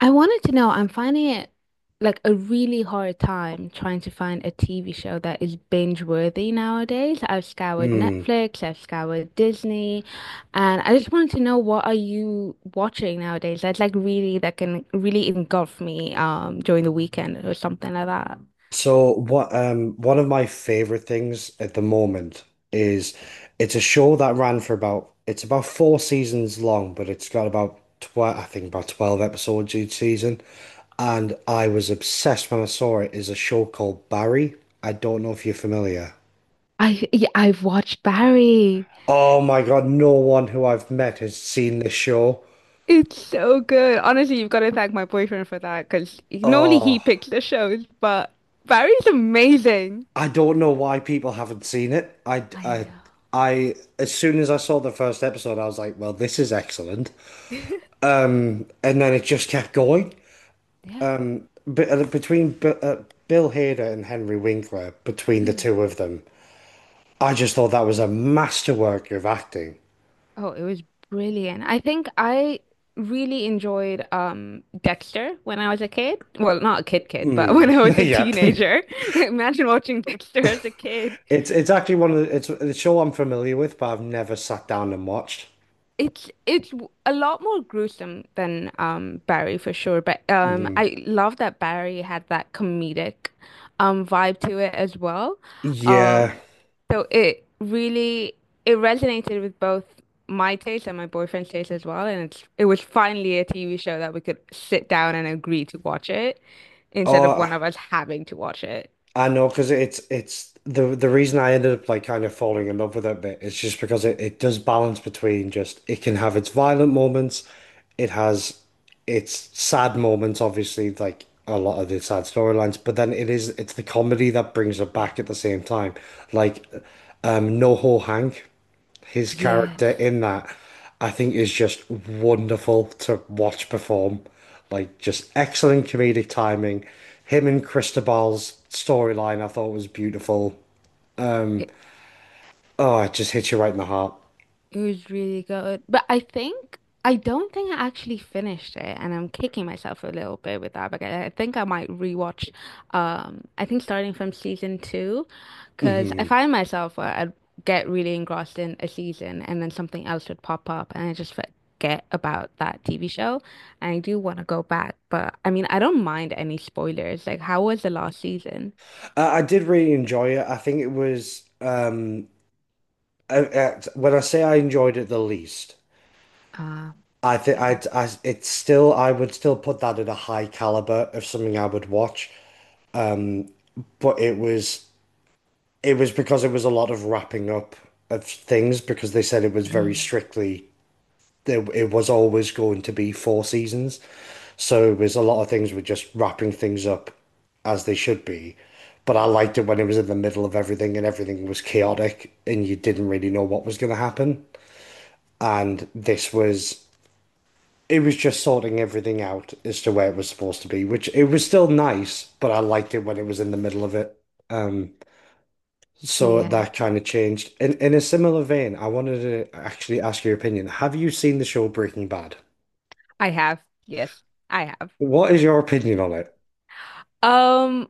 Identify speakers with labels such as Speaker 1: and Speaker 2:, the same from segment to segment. Speaker 1: I wanted to know, I'm finding it like a really hard time trying to find a TV show that is binge worthy nowadays. I've scoured
Speaker 2: Mm.
Speaker 1: Netflix, I've scoured Disney, and I just wanted to know what are you watching nowadays that's like really that can really engulf me during the weekend or something like that.
Speaker 2: So what one of my favorite things at the moment is it's a show that ran for about it's about four seasons long, but it's got about 12. I think about 12 episodes each season. And I was obsessed when I saw It is a show called Barry. I don't know if you're familiar.
Speaker 1: I Yeah, I've watched Barry.
Speaker 2: Oh my God, no one who I've met has seen this show.
Speaker 1: It's so good. Honestly, you've got to thank my boyfriend for that because normally he
Speaker 2: Oh,
Speaker 1: picks the shows, but Barry's amazing.
Speaker 2: I don't know why people haven't seen it. I,
Speaker 1: I
Speaker 2: I,
Speaker 1: know.
Speaker 2: I, as soon as I saw the first episode, I was like, well, this is excellent. And then it just kept going.
Speaker 1: Yeah.
Speaker 2: But between Bill Hader and Henry Winkler, between the
Speaker 1: Mm.
Speaker 2: two of them, I just thought that was a masterwork of acting.
Speaker 1: Oh, it was brilliant. I think I really enjoyed Dexter when I was a kid. Well, not a kid kid, but when
Speaker 2: Mm.
Speaker 1: I was a
Speaker 2: Yep.
Speaker 1: teenager. Imagine watching Dexter as a kid.
Speaker 2: It's actually it's the show I'm familiar with, but I've never sat down and watched.
Speaker 1: A lot more gruesome than Barry for sure, but
Speaker 2: Mhm.
Speaker 1: I love that Barry had that comedic vibe to it as well.
Speaker 2: Yeah.
Speaker 1: Um so it really it resonated with both my taste and my boyfriend's taste as well, and it was finally a TV show that we could sit down and agree to watch it instead of
Speaker 2: Oh,
Speaker 1: one of us having to watch it.
Speaker 2: I know, because it's the reason I ended up like kind of falling in love with it a bit is just because it does balance between just it can have its violent moments, it has its sad moments, obviously, like a lot of the sad storylines, but then it's the comedy that brings it back at the same time. Like No Ho Hank. His character
Speaker 1: Yes.
Speaker 2: in that, I think, is just wonderful to watch perform. Like, just excellent comedic timing. Him and Cristobal's storyline, I thought was beautiful. Oh, it just hits you right in the heart.
Speaker 1: It was really good. But I think I don't think I actually finished it and I'm kicking myself a little bit with that because I think I might rewatch I think starting from season two because I
Speaker 2: Hmm.
Speaker 1: find myself where I'd get really engrossed in a season and then something else would pop up and I just forget about that TV show. And I do want to go back, but I mean I don't mind any spoilers. Like how was the last season?
Speaker 2: I did really enjoy it. I think it was when I say I enjoyed it the least,
Speaker 1: Uh,
Speaker 2: I think
Speaker 1: yeah.
Speaker 2: I would still put that at a high caliber of something I would watch. Um, But it was It was because it was a lot of wrapping up of things, because they said it was very strictly it was always going to be four seasons. So it was a lot of things were just wrapping things up as they should be. But I liked it when it was in the middle of everything and everything was chaotic and you didn't really know what was going to happen. And this was it was just sorting everything out as to where it was supposed to be, which it was still nice, but I liked it when it was in the middle of it. Um, So
Speaker 1: Yeah.
Speaker 2: that kind of changed. In a similar vein, I wanted to actually ask your opinion. Have you seen the show Breaking Bad?
Speaker 1: I have. Yes, I have.
Speaker 2: What is your opinion on it?
Speaker 1: Um,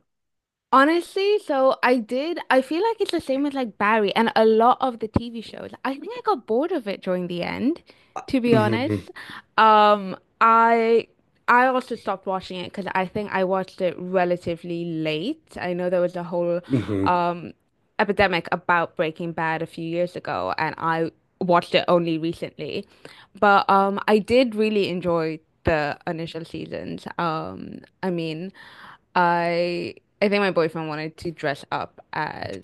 Speaker 1: Honestly, so I did. I feel like it's the same with like Barry and a lot of the TV shows. I think I got bored of it during the end, to be honest.
Speaker 2: Hmm.
Speaker 1: Um, I I also stopped watching it because I think I watched it relatively late. I know there was a whole
Speaker 2: Hmm.
Speaker 1: um epidemic about Breaking Bad a few years ago, and I watched it only recently. But I did really enjoy the initial seasons. I mean. I I think my boyfriend wanted to dress up as,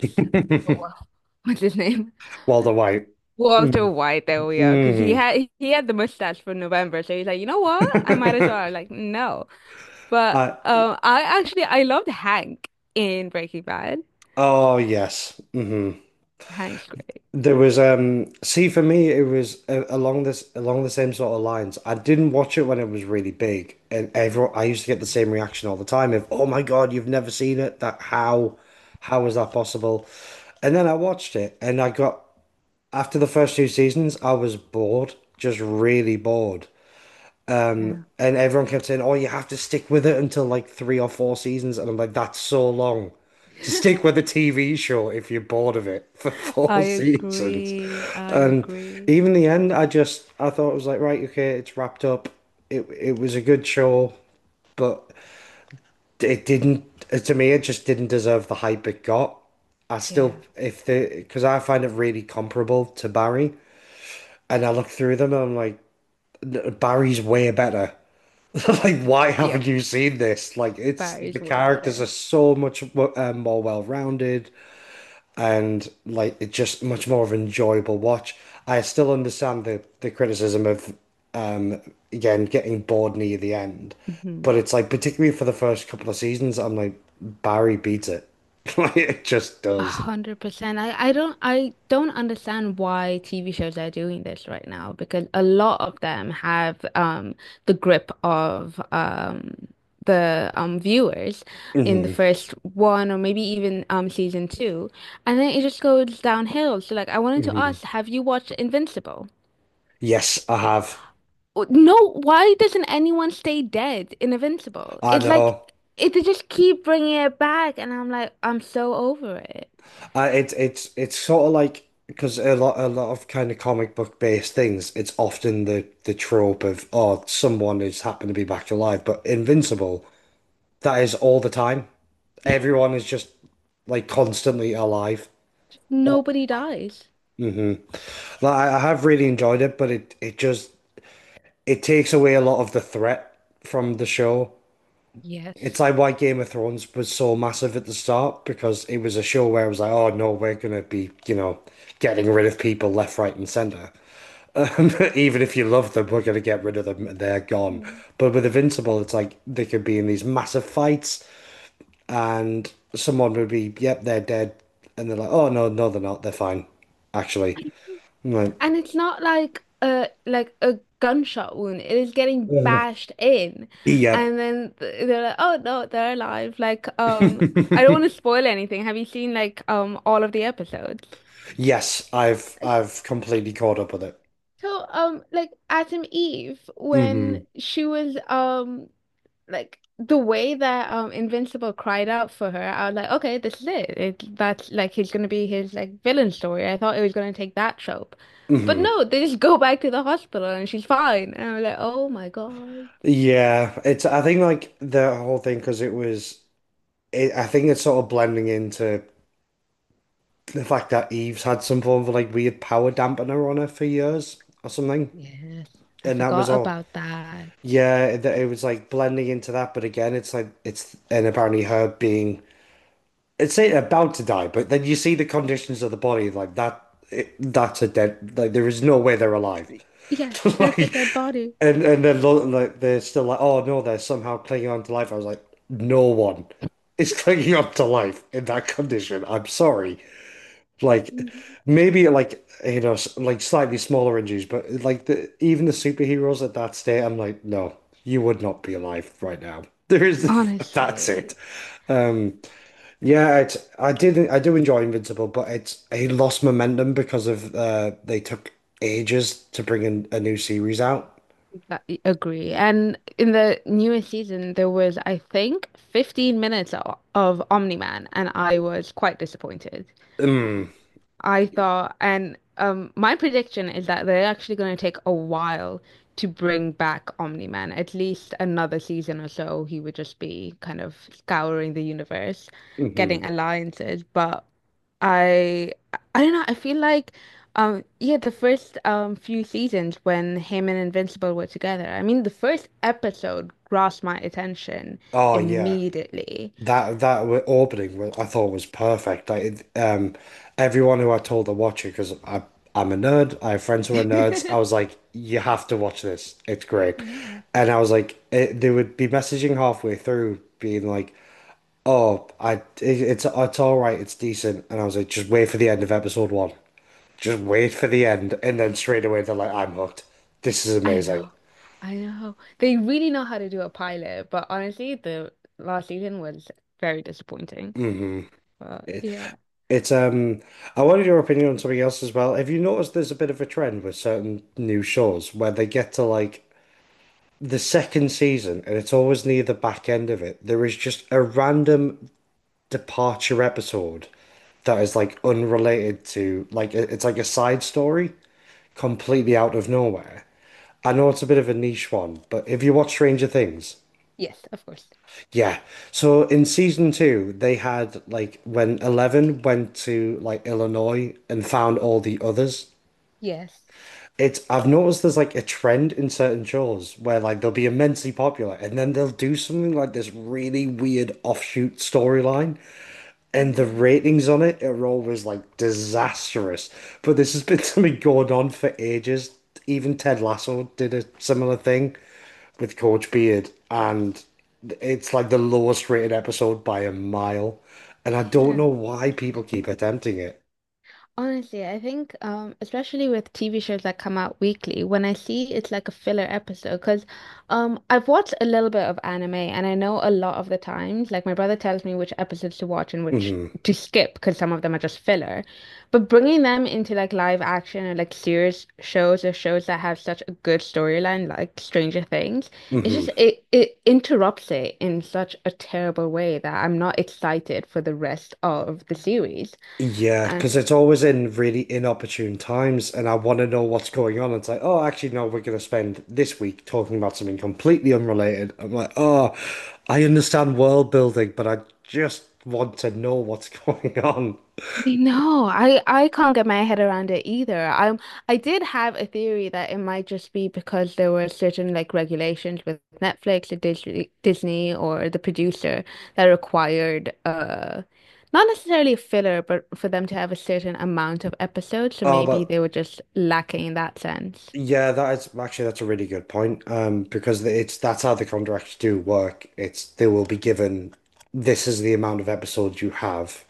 Speaker 1: oh, what's his name?
Speaker 2: Walter White. Mm-hmm.
Speaker 1: Walter White. There we are. Because he had the mustache for November, so he's like, you know what? I might as well. I'm like, no. But
Speaker 2: Uh,
Speaker 1: I actually I loved Hank in Breaking Bad.
Speaker 2: oh yes. Mm-hmm.
Speaker 1: Hank's great.
Speaker 2: There was see, for me it was along this along the same sort of lines. I didn't watch it when it was really big, and everyone, I used to get the same reaction all the time of "Oh my God, you've never seen it! That, how is that possible?" And then I watched it, and I got after the first two seasons, I was bored, just really bored.
Speaker 1: Yeah.
Speaker 2: And everyone kept saying, "Oh, you have to stick with it until like three or four seasons," and I'm like, "That's so long. To stick with a TV show if you're bored of it for four
Speaker 1: I
Speaker 2: seasons."
Speaker 1: agree. I
Speaker 2: And
Speaker 1: agree.
Speaker 2: even the end, I just I thought it was like, right, okay, it's wrapped up. It was a good show, but it didn't to me, it just didn't deserve the hype it got. I still,
Speaker 1: Yeah.
Speaker 2: if the because I find it really comparable to Barry, and I look through them and I'm like, Barry's way better. Like, why haven't
Speaker 1: Yep.
Speaker 2: you seen this? Like, it's the
Speaker 1: Barry's way
Speaker 2: characters
Speaker 1: better.
Speaker 2: are so much more well-rounded. And like it's just much more of an enjoyable watch. I still understand the criticism of um again getting bored near the end, but
Speaker 1: Mhm.
Speaker 2: it's like particularly for the first couple of seasons, I'm like Barry beats it. Like it just
Speaker 1: A
Speaker 2: does.
Speaker 1: hundred percent. I don't understand why TV shows are doing this right now because a lot of them have the grip of the viewers in the
Speaker 2: Hmm.
Speaker 1: first one or maybe even season two, and then it just goes downhill. So like I wanted to
Speaker 2: Hmm.
Speaker 1: ask, have you watched Invincible?
Speaker 2: Yes, I have.
Speaker 1: No, why doesn't anyone stay dead in Invincible?
Speaker 2: I
Speaker 1: It's like
Speaker 2: know.
Speaker 1: it they just keep bringing it back, and I'm like I'm so over it.
Speaker 2: I It's sort of like because a lot of kind of comic book based things, it's often the trope of oh someone has happened to be back alive, but Invincible, that is all the time. Everyone is just like constantly alive. Oh.
Speaker 1: Nobody dies.
Speaker 2: Hmm. Like I have really enjoyed it, but it just it takes away a lot of the threat from the show. It's
Speaker 1: Yes.
Speaker 2: like why Game of Thrones was so massive at the start, because it was a show where it was like, oh no, we're gonna be, you know, getting rid of people left, right, and center. Even if you love them, we're gonna get rid of them and they're gone.
Speaker 1: Mm.
Speaker 2: But with Invincible, it's like they could be in these massive fights and someone would be, yep, they're dead. And they're like, oh, no, no, they're not. They're fine, actually. I'm like,
Speaker 1: And it's not like a like a gunshot wound. It is getting
Speaker 2: "Ugh,
Speaker 1: bashed in,
Speaker 2: yep."
Speaker 1: and then they're like, "Oh no, they're alive." Like, I don't want to spoil anything. Have you seen like all of the episodes?
Speaker 2: Yes,
Speaker 1: Like,
Speaker 2: I've completely caught up with it.
Speaker 1: so like Adam Eve when
Speaker 2: Hmm.
Speaker 1: she was like the way that Invincible cried out for her, I was like, okay, this is it. That's like he's gonna be his like villain story. I thought it was gonna take that trope. But
Speaker 2: Hmm.
Speaker 1: no, they just go back to the hospital and she's fine. And I'm like, oh my God.
Speaker 2: Yeah, it's I think like the whole thing, because it was I think it's sort of blending into the fact that Eve's had some form of like weird power dampener on her for years or something,
Speaker 1: Yes, I
Speaker 2: and that was
Speaker 1: forgot
Speaker 2: all.
Speaker 1: about that.
Speaker 2: Yeah, it was like blending into that, but again, it's like it's and apparently her being it's say about to die, but then you see the conditions of the body like that. That's a dead. Like there is no way they're alive.
Speaker 1: Yeah, that's a
Speaker 2: Like
Speaker 1: dead body.
Speaker 2: and then like they're still like, oh no, they're somehow clinging on to life. I was like, no one is clinging on to life in that condition. I'm sorry. Like
Speaker 1: Mhm.
Speaker 2: maybe like you know like slightly smaller injuries, but like the even the superheroes at that state, I'm like, no, you would not be alive right now. There is that's it.
Speaker 1: Honestly,
Speaker 2: Um, yeah, it's I do enjoy Invincible, but it lost momentum because of they took ages to bring in a new series out.
Speaker 1: I agree. And in the newest season, there was, I think, 15 minutes of Omni-Man, and I was quite disappointed.
Speaker 2: Mm.
Speaker 1: I thought, and my prediction is that they're actually going to take a while to bring back Omni-Man, at least another season or so. He would just be kind of scouring the universe,
Speaker 2: Hmm.
Speaker 1: getting alliances. But I, I don't know. I feel like, yeah, the first few seasons when him and Invincible were together. I mean, the first episode grasped my attention
Speaker 2: Oh yeah,
Speaker 1: immediately.
Speaker 2: that opening I thought was perfect. Everyone who I told to watch it, because I'm a nerd. I have friends who are nerds. I was like, you have to watch this. It's great.
Speaker 1: Yeah.
Speaker 2: And I was like, they would be messaging halfway through, being like, oh, I it's all right. It's decent. And I was like, just wait for the end of episode one. Just wait for the end, and then straight away they're like, I'm hooked. This is
Speaker 1: I
Speaker 2: amazing.
Speaker 1: know, I know. They really know how to do a pilot, but honestly, the last season was very disappointing.
Speaker 2: Hmm.
Speaker 1: But
Speaker 2: It,
Speaker 1: yeah,
Speaker 2: it's. I wanted your opinion on something else as well. Have you noticed there's a bit of a trend with certain new shows where they get to like the second season, and it's always near the back end of it. There is just a random departure episode that is like unrelated to like it's like a side story completely out of nowhere. I know it's a bit of a niche one, but if you watch Stranger Things,
Speaker 1: yes, of course.
Speaker 2: yeah. So in season two, they had like when Eleven went to like Illinois and found all the others.
Speaker 1: Yes.
Speaker 2: It's I've noticed there's like a trend in certain shows where like they'll be immensely popular and then they'll do something like this really weird offshoot storyline. And the
Speaker 1: Yeah.
Speaker 2: ratings on it are always like disastrous. But this has been something going on for ages. Even Ted Lasso did a similar thing with Coach Beard, and it's like the lowest rated episode by a mile. And I don't
Speaker 1: Yeah.
Speaker 2: know why people keep attempting it.
Speaker 1: Honestly, I think, especially with TV shows that come out weekly, when I see it's like a filler episode, because I've watched a little bit of anime and I know a lot of the times, like my brother tells me which episodes to watch and which
Speaker 2: Hmm.
Speaker 1: to skip because some of them are just filler. But bringing them into like live action or like serious shows or shows that have such a good storyline, like Stranger Things, it's just
Speaker 2: Hmm.
Speaker 1: it interrupts it in such a terrible way that I'm not excited for the rest of the series.
Speaker 2: Yeah, because it's always in really inopportune times, and I want to know what's going on. It's like, oh, actually, no, we're going to spend this week talking about something completely unrelated. I'm like, oh, I understand world building, but I just want to know what's going on.
Speaker 1: No, I can't get my head around it either. I did have a theory that it might just be because there were certain like regulations with Netflix or Disney or the producer that required not necessarily filler, but for them to have a certain amount of episodes. So
Speaker 2: Oh,
Speaker 1: maybe
Speaker 2: but
Speaker 1: they were just lacking in that sense.
Speaker 2: yeah, that is actually that's a really good point. Because it's that's how the contracts do work. It's They will be given this is the amount of episodes you have.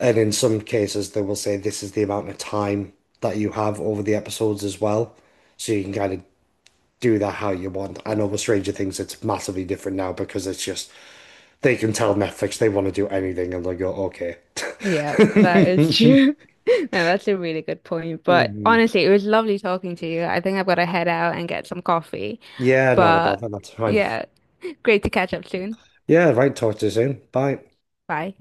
Speaker 2: And in some cases, they will say this is the amount of time that you have over the episodes as well. So you can kind of do that how you want. I know with Stranger Things, it's massively different now, because it's just they can tell Netflix they want to do anything and they go, okay.
Speaker 1: Yeah, that is true. No, that's a really good point. But
Speaker 2: Mhm.
Speaker 1: honestly, it was lovely talking to you. I think I've got to head out and get some coffee.
Speaker 2: Yeah, not about
Speaker 1: But
Speaker 2: that. That's fine.
Speaker 1: yeah, great to catch up soon.
Speaker 2: Yeah, right. Talk to you soon. Bye.
Speaker 1: Bye.